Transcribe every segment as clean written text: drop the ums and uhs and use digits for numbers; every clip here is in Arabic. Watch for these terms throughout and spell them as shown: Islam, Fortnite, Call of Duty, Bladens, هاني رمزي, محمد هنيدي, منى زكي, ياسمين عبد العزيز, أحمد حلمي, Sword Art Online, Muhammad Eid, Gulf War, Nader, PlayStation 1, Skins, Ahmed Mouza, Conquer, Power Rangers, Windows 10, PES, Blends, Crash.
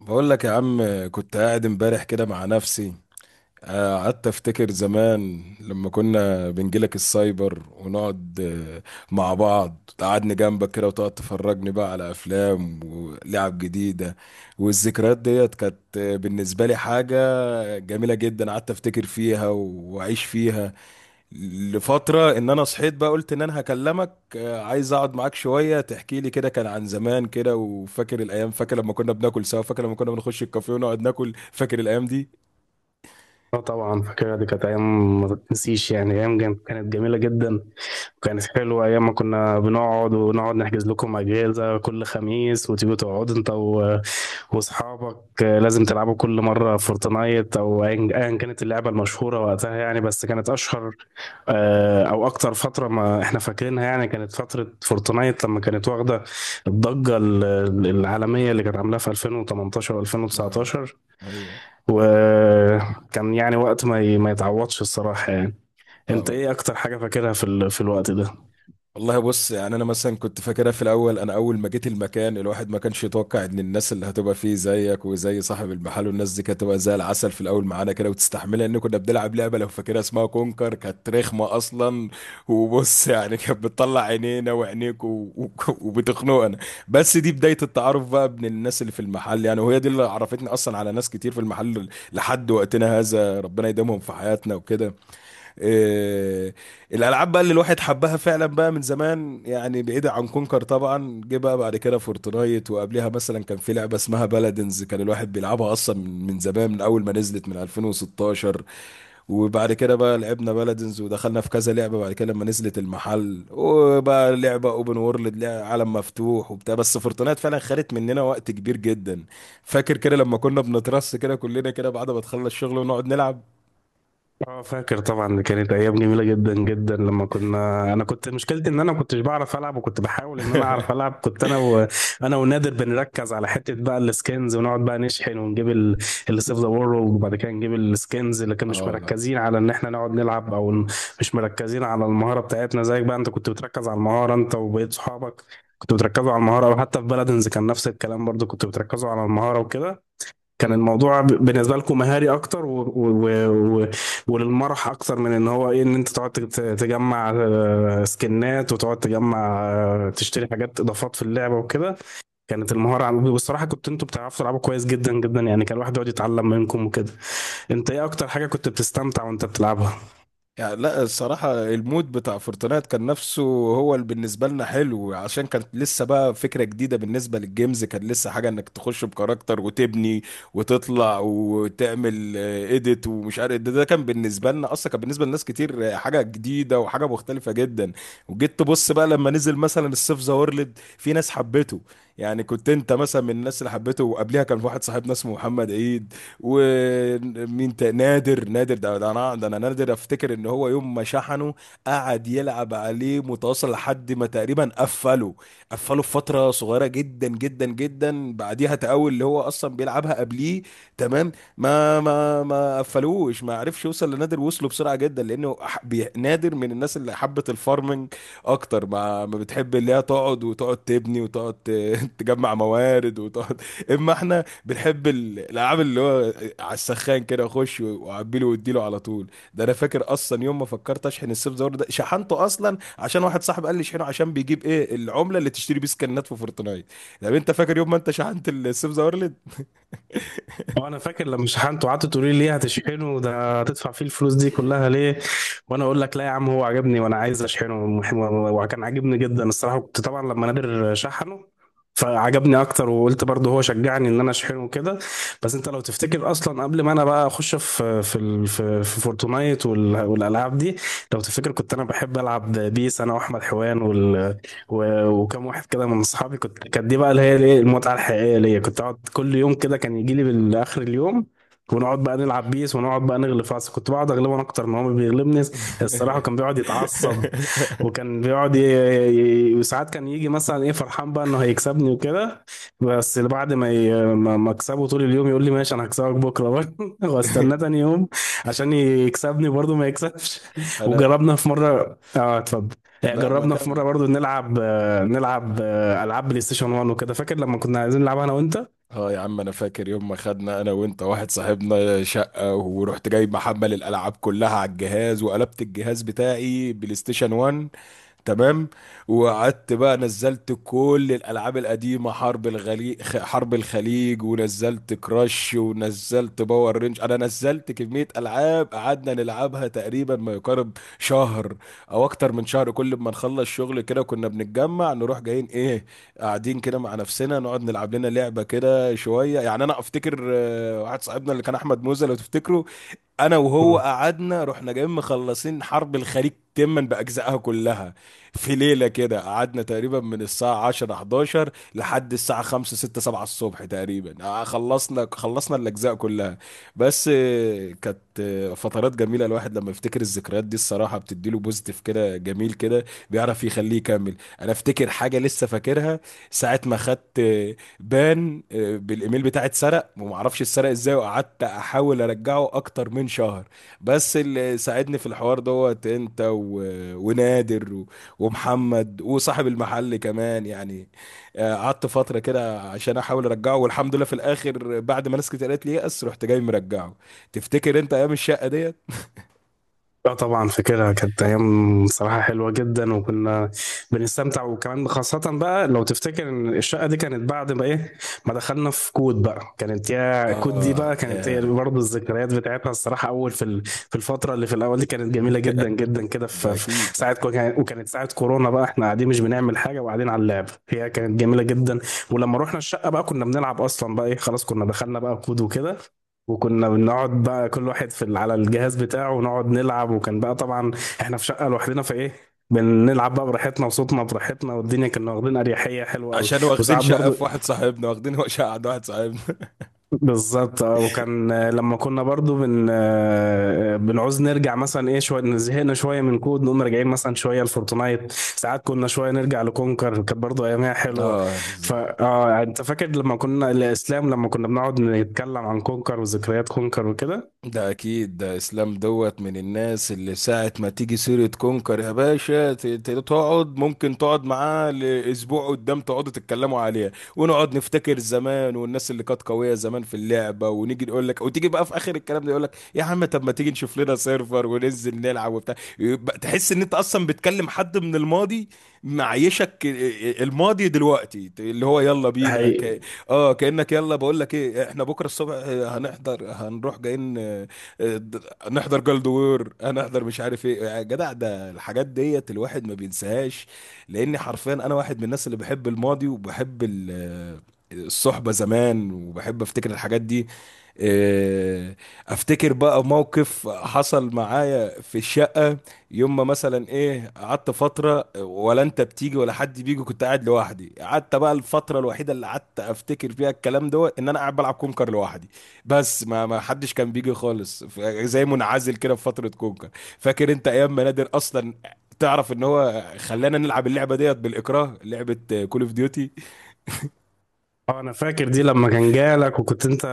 بقول لك يا عم، كنت قاعد امبارح كده مع نفسي. قعدت افتكر زمان لما كنا بنجيلك السايبر ونقعد آه، مع بعض، قعدني جنبك كده وتقعد تفرجني بقى على افلام ولعب جديدة. والذكريات ديت كانت بالنسبة لي حاجة جميلة جدا، قعدت افتكر فيها واعيش فيها لفترة، ان انا صحيت بقى قلت ان انا هكلمك. عايز اقعد معاك شوية تحكي لي كده كان عن زمان كده، وفاكر الايام، فاكر لما كنا بناكل سوا، فاكر لما كنا بنخش الكافيه ونقعد ناكل، فاكر الايام دي. اه، طبعا فاكرها. دي كانت ايام ما تتنسيش، يعني ايام كانت جميله جدا. وكانت حلوه ايام ما كنا بنقعد ونقعد نحجز لكم اجهزه كل خميس، وتيجوا تقعدوا انت و- واصحابك. لازم تلعبوا كل مره فورتنايت او أيا كانت اللعبه المشهوره وقتها، يعني بس كانت اشهر او اكتر فتره ما احنا فاكرينها. يعني كانت فتره فورتنايت لما كانت واخده الضجه العالميه اللي كانت عاملاها في 2018 آه. و2019. ايوه. وكان يعني وقت ما يتعوضش الصراحة يعني. انت اه، ايه اكتر حاجة فاكرها في الوقت ده؟ والله بص، يعني انا مثلا كنت فاكرها في الاول، انا اول ما جيت المكان الواحد ما كانش يتوقع ان الناس اللي هتبقى فيه زيك وزي صاحب المحل والناس دي كانت هتبقى زي العسل في الاول معانا كده، وتستحملها ان كنا بنلعب لعبه لو فاكرها اسمها كونكر كانت رخمه اصلا. وبص يعني كانت بتطلع عينينا وعينيك و... وبتخنقنا. بس دي بدايه التعارف بقى بين الناس اللي في المحل يعني، وهي دي اللي عرفتني اصلا على ناس كتير في المحل لحد وقتنا هذا، ربنا يديمهم في حياتنا وكده. آه، الالعاب بقى اللي الواحد حبها فعلا بقى من زمان، يعني بعيدة عن كونكر طبعا، جه بقى بعد كده فورتنايت، وقبلها مثلا كان في لعبة اسمها بلادنز كان الواحد بيلعبها اصلا من زمان من اول ما نزلت من 2016. وبعد كده بقى لعبنا بلادنز ودخلنا في كذا لعبة بعد كده لما نزلت المحل وبقى لعبة اوبن وورلد عالم مفتوح وبتاع، بس فورتنايت فعلا خدت مننا وقت كبير جدا. فاكر كده لما كنا بنترص كده كلنا كده بعد ما تخلص الشغل ونقعد نلعب. اه، فاكر طبعا. دي كانت ايام جميله جدا جدا. لما انا كنت مشكلتي ان انا ما كنتش بعرف العب، وكنت بحاول ان انا اعرف العب. كنت انا انا ونادر بنركز على حته بقى السكنز، ونقعد بقى نشحن ونجيب اللي سيف ذا وورلد، وبعد كده نجيب السكنز. اللي كان مش اه، مركزين على ان احنا نقعد نلعب مش مركزين على المهاره بتاعتنا زيك. بقى انت كنت بتركز على المهاره، انت وبقيت صحابك كنتوا بتركزوا على المهاره. وحتى في بلدنز كان نفس الكلام برضو، كنتوا بتركزوا على المهاره وكده. كان الموضوع بالنسبة لكم مهاري أكتر وللمرح أكتر من إن هو إيه إن أنت تقعد تجمع سكنات، وتقعد تجمع تشتري حاجات إضافات في اللعبة وكده. كانت المهارة والصراحة أنتوا بتعرفوا تلعبوا كويس جدا جدا، يعني كان الواحد يقعد يتعلم منكم وكده. أنت إيه أكتر حاجة كنت بتستمتع وأنت بتلعبها؟ يعني لا الصراحة المود بتاع فورتنايت كان نفسه هو اللي بالنسبة لنا حلو، عشان كانت لسه بقى فكرة جديدة بالنسبة للجيمز، كان لسه حاجة انك تخش بكاركتر وتبني وتطلع وتعمل اديت ومش عارف ده، كان بالنسبة لنا اصلا، كان بالنسبة لناس كتير حاجة جديدة وحاجة مختلفة جدا. وجيت تبص بقى لما نزل مثلا السيف ذا وورلد في ناس حبته، يعني كنت انت مثلا من الناس اللي حبته، وقبلها كان واحد صاحبنا اسمه محمد عيد. نادر نادر ده ده انا ده انا نادر افتكر ان هو يوم ما شحنه قعد يلعب عليه متواصل لحد ما تقريبا قفله. قفله في فتره صغيره جدا جدا جدا، بعديها تقاول اللي هو اصلا بيلعبها قبليه. تمام، ما قفلوش، ما عرفش يوصل لنادر، وصله بسرعه جدا لانه نادر من الناس اللي حبت الفارمنج اكتر ما بتحب، اللي هي تقعد وتقعد تبني وتقعد تجمع موارد وتقعد. اما احنا بنحب الالعاب اللي هو على السخان كده اخش واعبي واديله على طول. ده انا فاكر اصلا يوم ما فكرت اشحن السيف زور، ده شحنته اصلا عشان واحد صاحب قال لي اشحنه عشان بيجيب ايه العمله اللي تشتري بيه سكنات في فورتنايت. طب انت فاكر يوم ما انت شحنت السيف زورلد؟ وانا فاكر لما شحنته، قعدت تقولي لي ليه هتشحنه؟ ده هتدفع فيه الفلوس دي كلها ليه؟ وانا اقول لك لا يا عم، هو عجبني وانا عايز اشحنه وكان عاجبني جدا الصراحه. كنت طبعا لما نادر شحنه فعجبني اكتر، وقلت برضه هو شجعني ان انا اشحنه كده. بس انت لو تفتكر اصلا، قبل ما انا بقى اخش في في ال- في في فورتنايت وال- والالعاب دي، لو تفتكر كنت انا بحب العب بيس، انا واحمد حوان و- وكم واحد كده من اصحابي. كانت دي بقى اللي هي الايه المتعه الحقيقيه ليا. كنت اقعد كل يوم كده، كان يجي لي بالاخر اليوم، ونقعد بقى نلعب بيس، ونقعد بقى نغلب فاس. كنت بقعد اغلبه انا اكتر ما هو بيغلبني. الصراحه كان بيقعد يتعصب، وكان بيقعد وساعات كان يجي مثلا ايه فرحان بقى انه هيكسبني وكده. بس بعد ما ي... ما ما اكسبه طول اليوم، يقول لي ماشي انا هكسبك بكره برضه واستناه تاني يوم عشان يكسبني، برضه ما يكسبش. انا وجربنا في مره. اه، اتفضل. لا ما جربنا في مره كان. برضو نلعب العاب بلاي ستيشن 1 وكده، فاكر لما كنا عايزين نلعبها انا وانت؟ اه يا عم، انا فاكر يوم ما خدنا انا وانت واحد صاحبنا شقه، ورحت جاي محمل الالعاب كلها على الجهاز وقلبت الجهاز بتاعي بلاي ستيشن 1. تمام. وقعدت بقى نزلت كل الالعاب القديمه، حرب الخليج، حرب الخليج، ونزلت كراش، ونزلت باور رينج، انا نزلت كميه العاب قعدنا نلعبها تقريبا ما يقارب شهر او اكتر من شهر، كل ما نخلص شغل كده كنا بنتجمع نروح جايين ايه، قاعدين كده مع نفسنا نقعد نلعب لنا لعبه كده شويه. يعني انا افتكر واحد صاحبنا اللي كان احمد موزه لو تفتكره، انا وهو مم. قعدنا رحنا جايين مخلصين حرب الخليج تما باجزائها كلها. في ليله كده قعدنا تقريبا من الساعه 10 11 لحد الساعه 5 6 7 الصبح تقريبا، خلصنا خلصنا الاجزاء كلها. بس كانت فترات جميله، الواحد لما يفتكر الذكريات دي الصراحه بتديله بوزيتيف كده جميل كده، بيعرف يخليه يكمل. انا افتكر حاجه لسه فاكرها، ساعه ما خدت بان بالايميل بتاعي اتسرق، ومعرفش اتسرق ازاي، وقعدت احاول ارجعه اكتر من شهر. بس اللي ساعدني في الحوار دوت انت ونادر ومحمد وصاحب المحل كمان يعني. قعدت فترة كده عشان احاول ارجعه، والحمد لله في الاخر بعد ما ناس كتير قالت لي يأس رحت جاي مرجعه. تفتكر انت ايام الشقة ديت؟ لا طبعا فاكرها. كانت ايام صراحه حلوه جدا، وكنا بنستمتع. وكمان خاصه بقى لو تفتكر ان الشقه دي كانت بعد ما دخلنا في كود. بقى كانت، يا كود دي اه بقى، كانت هي يا. برضه الذكريات بتاعتها الصراحه. اول في الفتره اللي في الاول دي كانت جميله جدا جدا كده. ده في اكيد. في ساعه كو- كان- وكانت ساعه كورونا بقى، احنا قاعدين مش بنعمل حاجه وقاعدين على اللعب، هي آه. كانت جميله جدا. ولما رحنا الشقه بقى كنا بنلعب اصلا، بقى ايه، خلاص كنا دخلنا بقى كود وكده، وكنا بنقعد بقى كل واحد على الجهاز بتاعه ونقعد نلعب. وكان بقى طبعا احنا في شقة لوحدنا، فايه، بنلعب بقى براحتنا وصوتنا براحتنا، والدنيا كنا واخدين اريحية حلوة قوي. عشان واخدين وساعات شقة برضو في واحد صاحبنا، واخدين شقة عند واحد صاحبنا. بالظبط اه. وكان لما كنا برضو بن آه، بنعوز نرجع مثلا ايه شوية، زهقنا شوية من كود نقوم راجعين مثلا شوية لفورتنايت، ساعات كنا شوية نرجع لكونكر، كانت برضو ايامها حلوة. اه، فا انت فاكر لما كنا، الاسلام، لما كنا بنقعد نتكلم عن كونكر وذكريات كونكر وكده؟ ده اكيد، ده اسلام دوت من الناس اللي ساعة ما تيجي سيرة كونكر يا باشا تقعد، ممكن تقعد معاه لاسبوع قدام تقعدوا تتكلموا عليها ونقعد نفتكر زمان والناس اللي كانت قوية زمان في اللعبة، ونيجي نقول لك وتيجي بقى في اخر الكلام ده يقول لك يا عم طب ما تيجي نشوف لنا سيرفر وننزل نلعب وبتاع، يبقى تحس ان انت اصلا بتكلم حد من الماضي. معيشك الماضي دلوقتي، اللي هو يلا بينا. اه، كأنك يلا بقول لك ايه احنا بكره الصبح هنحضر هنروح جايين، آه، نحضر جلدوور، هنحضر مش عارف ايه يا جدع. ده الحاجات ديت الواحد ما بينساهاش، لاني حرفيا انا واحد من الناس اللي بحب الماضي وبحب الصحبة زمان، وبحب افتكر الحاجات دي. آه، افتكر بقى موقف حصل معايا في الشقة، يوم ما مثلا ايه قعدت فتره ولا انت بتيجي ولا حد بيجي، كنت قاعد لوحدي، قعدت بقى الفتره الوحيده اللي قعدت افتكر فيها الكلام ده ان انا قاعد بلعب كونكر لوحدي، بس ما حدش كان بيجي خالص زي منعزل كده في فتره كونكر. فاكر انت ايام ما نادر اصلا تعرف ان هو خلانا نلعب اللعبه ديت بالاكراه، لعبه كول اوف ديوتي. اه انا فاكر دي. لما كان جالك وكنت انت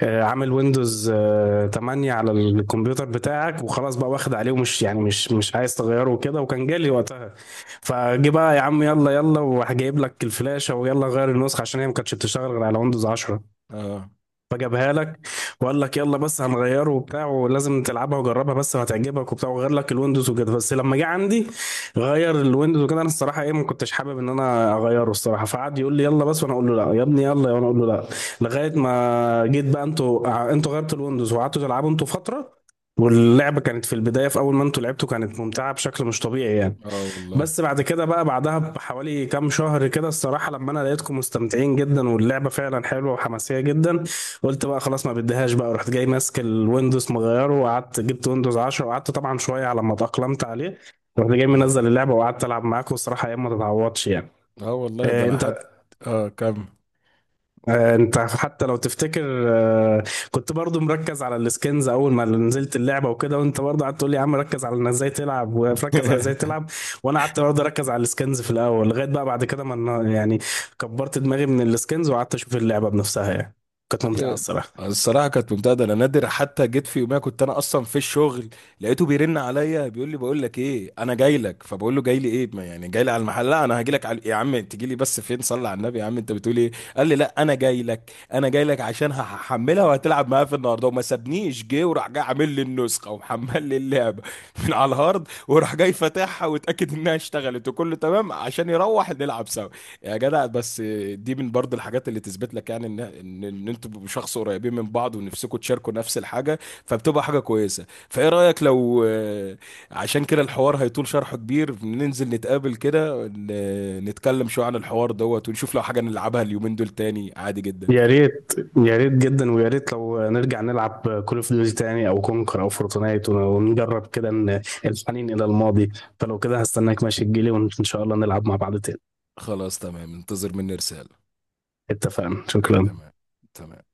عامل ويندوز 8 على الكمبيوتر بتاعك، وخلاص بقى واخد عليه ومش يعني مش عايز تغيره وكده، وكان جالي وقتها. فجي بقى يا عم يلا يلا وهجيب لك الفلاشة، ويلا غير النسخة عشان هي ما كانتش بتشتغل غير على ويندوز 10. اه. فجابها لك وقال لك يلا بس هنغيره وبتاع ولازم تلعبها وجربها بس وهتعجبك وبتاع، وغير لك الويندوز وكده. بس لما جه عندي غير الويندوز وكده، انا الصراحه ايه ما كنتش حابب ان انا اغيره الصراحه. فقعد يقول لي يلا بس، وانا اقول له لا يا ابني، يلا، وانا اقول له لا، لغايه ما جيت بقى. انتوا انتوا غيرتوا الويندوز وقعدتوا تلعبوا انتوا فتره، واللعبه كانت في البدايه في اول ما انتوا لعبتوا كانت ممتعه بشكل مش طبيعي يعني. اه والله. بس بعد كده بقى، بعدها بحوالي كام شهر كده الصراحة، لما انا لقيتكم مستمتعين جدا واللعبة فعلا حلوة وحماسية جدا، قلت بقى خلاص ما بديهاش بقى. رحت جاي ماسك الويندوز مغيره، وقعدت جبت ويندوز 10، وقعدت طبعا شوية على ما اتأقلمت عليه، رحت جاي اه, منزل اللعبة وقعدت العب معاكم. الصراحة ايام ما تتعوضش يعني. آه والله، ده آه، انا حد. انت اه كم. انت حتى لو تفتكر، كنت برضو مركز على السكنز اول ما نزلت اللعبه وكده، وانت برضو قعدت تقول لي يا عم ركز على انك ازاي تلعب وركز على ازاي تلعب. وانا قعدت برضو اركز على السكنز في الاول، لغايه بقى بعد كده ما انا- يعني كبرت دماغي من السكنز وقعدت اشوف اللعبه بنفسها، يعني كانت ممتعه أيوة. الصراحه. الصراحه كانت ممتازه، انا نادر حتى جيت في يوميها كنت انا اصلا في الشغل، لقيته بيرن عليا بيقول لي بقول لك ايه انا جاي لك، فبقول له جاي لي ايه، ما يعني جاي لي على المحل، لا انا هاجي لك على... يا عم تجي لي بس فين صلي على النبي يا عم انت بتقول ايه؟ قال لي لا انا جاي لك، انا جاي لك عشان هحملها وهتلعب معايا في النهارده، وما سابنيش جه وراح جاي عامل لي النسخه ومحمل لي اللعبه من على الهارد، وراح جاي فاتحها واتاكد انها اشتغلت وكله تمام عشان يروح نلعب سوا. يا جدع بس، دي من برضه الحاجات اللي تثبت لك يعني إن انتوا شخص قريبين من بعض ونفسكم تشاركوا نفس الحاجه. فبتبقى حاجه كويسه، فايه رايك لو عشان كده الحوار هيطول شرحه كبير، ننزل نتقابل كده نتكلم شويه عن الحوار دوت ونشوف لو حاجه نلعبها اليومين دول تاني عادي جدا. يا ريت، يا ريت جدا، ويا ريت لو نرجع نلعب كول اوف ديوتي تاني او كونكر او فورتنايت، ونجرب كده إن الحنين الى الماضي. فلو كده هستناك، ماشي، تجيلي وان شاء الله نلعب مع بعض تاني. خلاص، تمام، انتظر مني رساله. اتفقنا، شكرا. تمام. تمام.